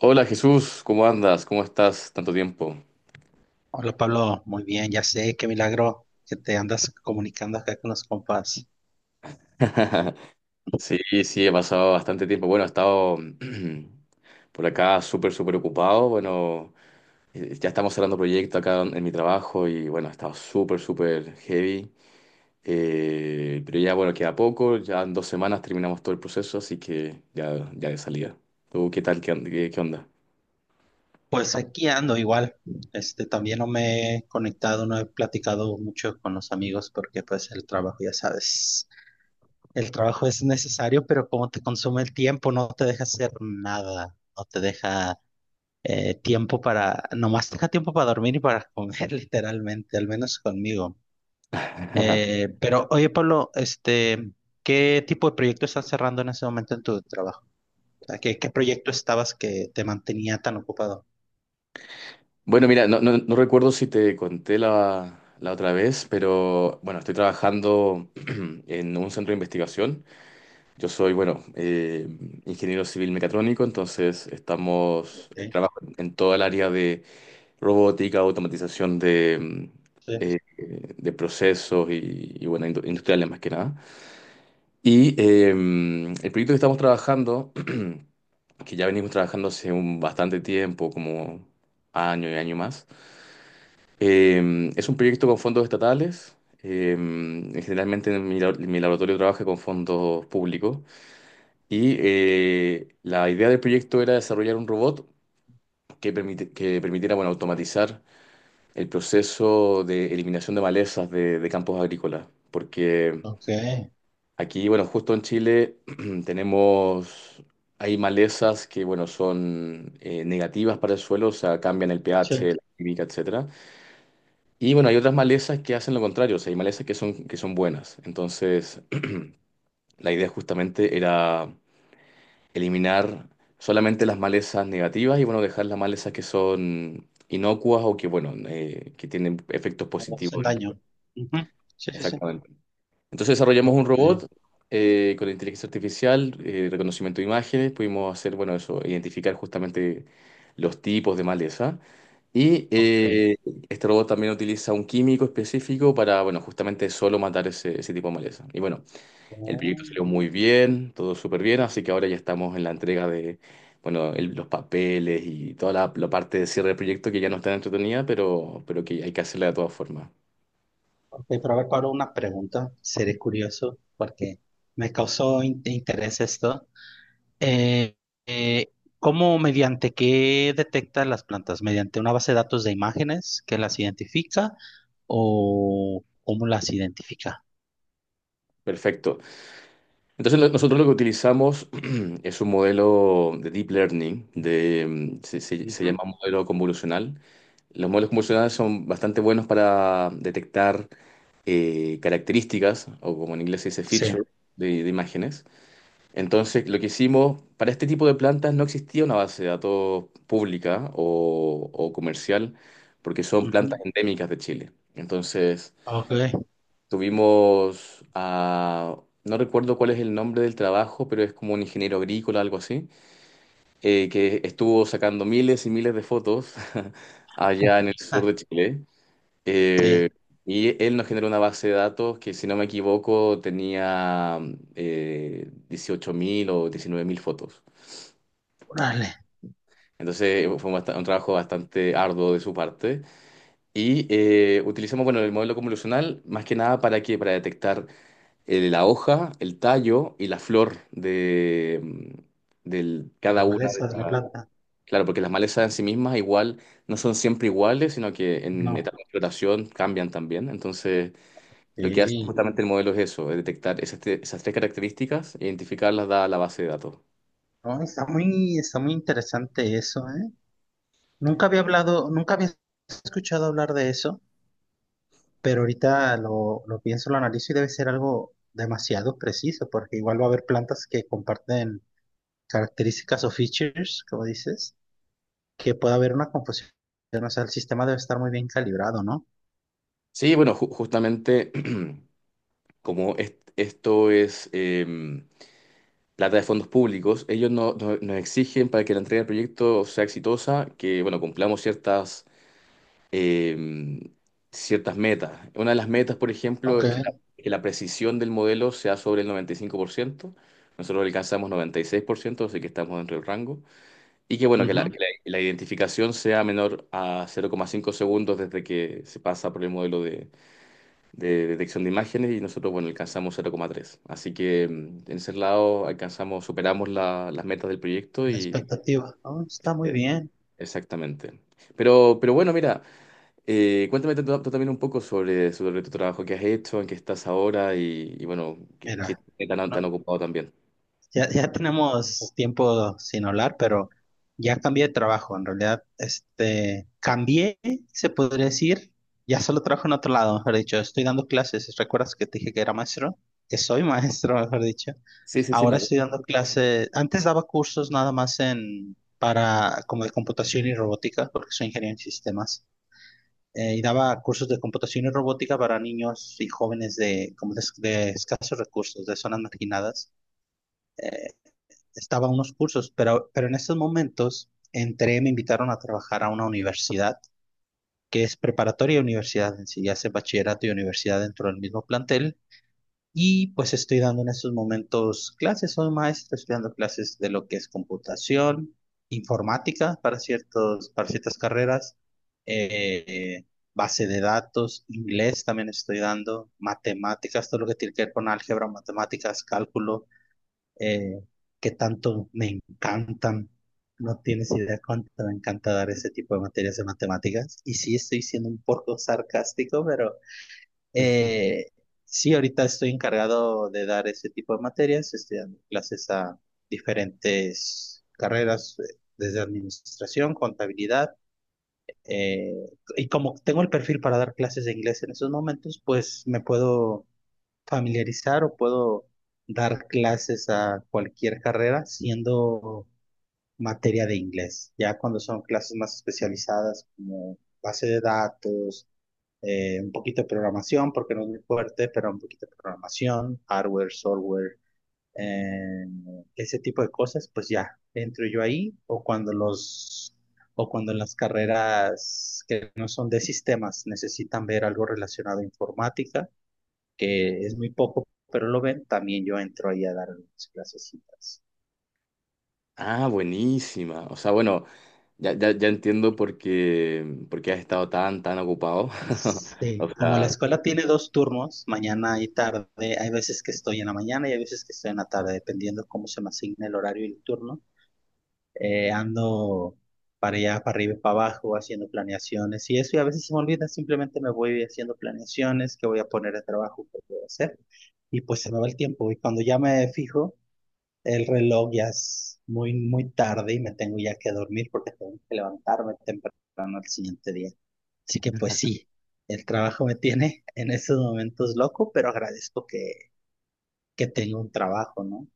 Hola Jesús, ¿cómo andas? ¿Cómo estás? Tanto tiempo. Hola Pablo, muy bien, ya sé, qué milagro que te andas comunicando acá con los compas. Sí, sí, he pasado bastante tiempo. Bueno, he estado por acá súper, súper ocupado. Bueno, ya estamos cerrando proyecto acá en mi trabajo y bueno, he estado súper, súper heavy. Pero ya, bueno, queda poco. Ya en 2 semanas terminamos todo el proceso, así que ya, ya de salida. ¿Tú qué tal? ¿ Qué onda? Pues aquí ando igual, también no me he conectado, no he platicado mucho con los amigos porque pues el trabajo, ya sabes, el trabajo es necesario, pero como te consume el tiempo, no te deja hacer nada, no te deja tiempo para, nomás te deja tiempo para dormir y para comer literalmente, al menos conmigo. Pero oye Pablo, ¿qué tipo de proyecto estás cerrando en ese momento en tu trabajo? O sea, ¿qué proyecto estabas que te mantenía tan ocupado? Bueno, mira, no recuerdo si te conté la, la otra vez, pero bueno, estoy trabajando en un centro de investigación. Yo soy, bueno, ingeniero civil mecatrónico, entonces estamos, Ok, trabajo en toda el área de robótica, automatización de, sí, eh, de procesos y, bueno, industriales más que nada. Y el proyecto que estamos trabajando, que ya venimos trabajando hace un bastante tiempo, como año y año más, es un proyecto con fondos estatales. eh, Generalmente mi laboratorio trabaja con fondos públicos. Y la idea del proyecto era desarrollar un robot que permitiera bueno, automatizar el proceso de eliminación de malezas de campos agrícolas. Porque ok, aquí, bueno, justo en Chile tenemos, hay malezas que bueno, son negativas para el suelo, o sea, cambian el sí, pH, la química, etcétera. Y bueno, hay otras malezas que hacen lo contrario, o sea, hay malezas que son buenas. Entonces, la idea justamente era eliminar solamente las malezas negativas y bueno, dejar las malezas que son inocuas o que, bueno, que tienen efectos no positivos hacen en el daño. cuerpo. Ujú. Sí, sí, sí. Exactamente. Entonces desarrollamos un Ok, robot con inteligencia artificial, reconocimiento de imágenes, pudimos hacer, bueno, eso, identificar justamente los tipos de maleza. Y ok. Este robot también utiliza un químico específico para, bueno, justamente solo matar ese, ese tipo de maleza. Y bueno, el Oh, proyecto salió muy bien, todo súper bien, así que ahora ya estamos en la entrega de, bueno, los papeles y toda la, la parte de cierre del proyecto que ya no está entretenida, pero que hay que hacerla de todas formas. ok, pero a ver, Pablo, una pregunta. Seré curioso porque me causó interés esto. Eh, eh, ¿Cómo, mediante qué detecta las plantas? ¿Mediante una base de datos de imágenes que las identifica o cómo las identifica? Perfecto. Entonces nosotros lo que utilizamos es un modelo de deep learning, de, se Ujú. llama modelo convolucional. Los modelos convolucionales son bastante buenos para detectar características, o como en inglés se dice Sí. feature, de imágenes. Entonces lo que hicimos, para este tipo de plantas no existía una base de datos pública o comercial, porque son plantas Ujú. endémicas de Chile. Entonces... Ok. Tuvimos a, no recuerdo cuál es el nombre del trabajo, pero es como un ingeniero agrícola, algo así, que estuvo sacando miles y miles de fotos allá en el sur de Chile. Eh, Sí, y él nos generó una base de datos que, si no me equivoco, tenía 18.000 o 19.000 fotos. órale, Entonces fue un, un trabajo bastante arduo de su parte. Y utilizamos, bueno, el modelo convolucional más que nada para qué, para detectar la hoja, el tallo y la flor de, de la cada una de maleza de la las... plata. Claro, porque las malezas en sí mismas igual no son siempre iguales, sino que en No, etapa de floración cambian también. Entonces, lo que hace sí. justamente el modelo es eso, es detectar esas tres características, e identificarlas, da la base de datos. No, está muy interesante eso, ¿eh? Nunca había hablado, nunca había escuchado hablar de eso, pero ahorita lo pienso, lo analizo y debe ser algo demasiado preciso, porque igual va a haber plantas que comparten características o features, como dices, que puede haber una confusión. O sea, el sistema debe estar muy bien calibrado, ¿no? Sí, bueno, justamente como esto es plata de fondos públicos, ellos nos exigen para que la entrega del proyecto sea exitosa, que bueno, cumplamos ciertas eh, ciertas metas. Una de las metas, por ejemplo, Ok. es que la precisión del modelo sea sobre el 95%. Nosotros alcanzamos 96%, así que estamos dentro del rango. Y que, bueno, que la, Ujú. La identificación sea menor a 0,5 segundos desde que se pasa por el modelo de detección de imágenes y nosotros, bueno, alcanzamos 0,3. Así que en ese lado alcanzamos, superamos las metas del proyecto La y... expectativa. Oh, está muy eh, bien. Exactamente. Pero bueno, mira, cuéntame tú, tú también un poco sobre, sobre tu trabajo que has hecho, en qué estás ahora y bueno, qué, Mira. qué tan, tan No, ocupado también. ya, ya tenemos tiempo sin hablar, pero ya cambié de trabajo. En realidad, cambié, se podría decir. Ya solo trabajo en otro lado, mejor dicho. Estoy dando clases. ¿Recuerdas que te dije que era maestro? Que soy maestro, mejor dicho. Sí, sí, sí, me Ahora acuerdo. estoy dando clases. Antes daba cursos nada más en, para, como de computación y robótica, porque soy ingeniero en sistemas. Y daba cursos de computación y robótica para niños y jóvenes de, como de escasos recursos, de zonas marginadas, eh, estaba en unos cursos, pero, en estos momentos entré, me invitaron a trabajar a una universidad, que es preparatoria y universidad en sí, ya hace bachillerato y universidad dentro del mismo plantel. Y pues estoy dando en estos momentos clases, soy maestro, estoy dando clases de lo que es computación, informática para, para ciertas carreras, eh, base de datos, inglés también estoy dando, matemáticas, todo lo que tiene que ver con álgebra, matemáticas, cálculo, eh, que tanto me encantan. No tienes idea cuánto me encanta dar ese tipo de materias de matemáticas. Y sí, estoy siendo un poco sarcástico, pero eh, sí, ahorita estoy encargado de dar ese tipo de materias. Estoy dando clases a diferentes carreras, desde administración, contabilidad. eh, y como tengo el perfil para dar clases de inglés en esos momentos, pues me puedo familiarizar o puedo dar clases a cualquier carrera siendo materia de inglés. Ya cuando son clases más especializadas como base de datos, un poquito de programación, porque no es muy fuerte, pero un poquito de programación, hardware, software, eh, ese tipo de cosas, pues ya entro yo ahí o cuando los... o cuando en las carreras que no son de sistemas necesitan ver algo relacionado a informática, que es muy poco, pero lo ven, también yo entro ahí a dar mis clasecitas. Ah, buenísima. O sea, bueno, ya, ya, ya entiendo por qué has estado tan, tan ocupado. O Sí, como la sea, escuela tiene dos turnos, mañana y tarde, hay veces que estoy en la mañana y hay veces que estoy en la tarde, dependiendo cómo se me asigne el horario y el turno. Ando para allá, para arriba y para abajo, haciendo planeaciones y eso, y a veces se me olvida, simplemente me voy haciendo planeaciones, qué voy a poner de trabajo, qué voy a hacer, y pues se me va el tiempo, y cuando ya me fijo, el reloj ya es muy, muy tarde y me tengo ya que dormir porque tengo que levantarme temprano al siguiente día. Así que pues sí, el trabajo me tiene en estos momentos loco, pero agradezco que tengo un trabajo, ¿no?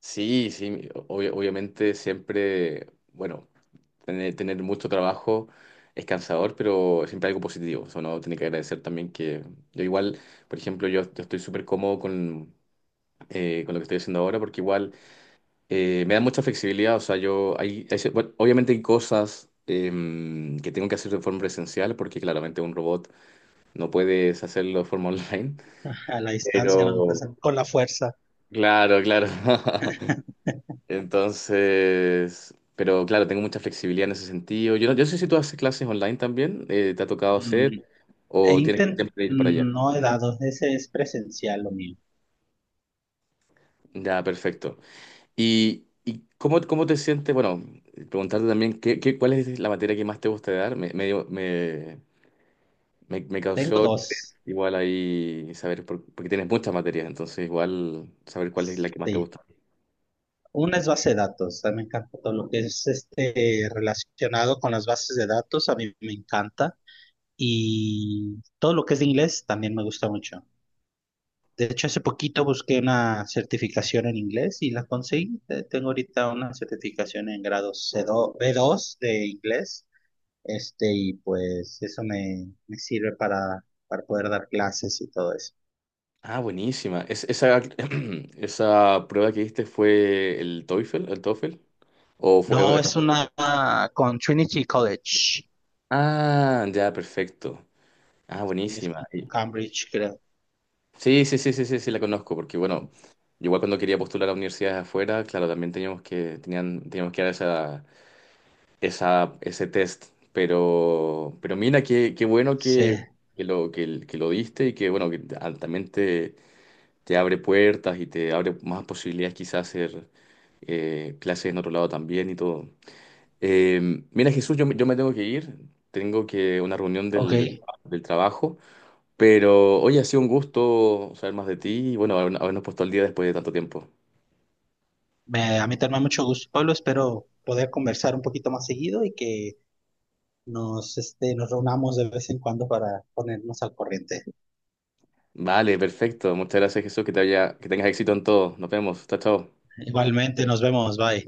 sí, sí, obviamente siempre, bueno, tener, tener mucho trabajo es cansador, pero siempre algo positivo. O sea, uno tiene que agradecer también que yo igual, por ejemplo, yo estoy súper cómodo con lo que estoy haciendo ahora, porque igual me da mucha flexibilidad. O sea, yo, bueno, obviamente hay cosas que tengo que hacer de forma presencial, porque claramente un robot no puedes hacerlo de forma online. A la distancia, no lo Pero, presen- con la fuerza. claro, claro. Entonces, pero claro, tengo mucha flexibilidad en ese sentido. Yo no sé si tú haces clases online también, ¿te ha tocado Mm, hacer o tienes que siempre ir para allá? no he dado, ese es presencial lo mío. Ya, perfecto. Y cómo, cómo te sientes? Bueno, preguntarte también, ¿ cuál es la materia que más te gusta dar? Me, dio- me Tengo causó dos, igual ahí saber, porque tienes muchas materias, entonces igual saber cuál es la que más te sí. gusta. Una es base de datos, a mí me encanta todo lo que es este relacionado con las bases de datos, a mí me encanta. Y todo lo que es de inglés también me gusta mucho. De hecho, hace poquito busqué una certificación en inglés y la conseguí. Tengo ahorita una certificación en grado C2 B2 de inglés. Y pues eso me sirve para, poder dar clases y todo eso. Ah, buenísima. Esa, esa prueba que diste fue el TOEFL, o No, fue... es una con Trinity College. Ah, ya, perfecto. Ah, Y es con buenísima. Cambridge, creo. Sí, sí, sí, sí, sí, sí, la conozco, porque bueno, igual cuando quería postular a universidades afuera, claro, también teníamos que, tenían, teníamos que dar esa, esa, ese test, pero mira, qué, qué bueno Sí, que lo diste y que, bueno, que ah, también te abre puertas y te abre más posibilidades quizás hacer clases en otro lado también y todo. Eh, Mira, Jesús, yo me tengo que ir, tengo que una reunión ok. del, del trabajo. Pero, oye, ha sido un gusto saber más de ti y bueno, habernos puesto al día después de tanto tiempo. A mí también me da mucho gusto, Pablo. Espero poder conversar un poquito más seguido y que nos reunamos de vez en cuando para ponernos al corriente. Vale, perfecto. Muchas gracias, Jesús. Que te haya, que tengas éxito en todo. Nos vemos. Chao, chao. Igualmente, nos vemos, bye.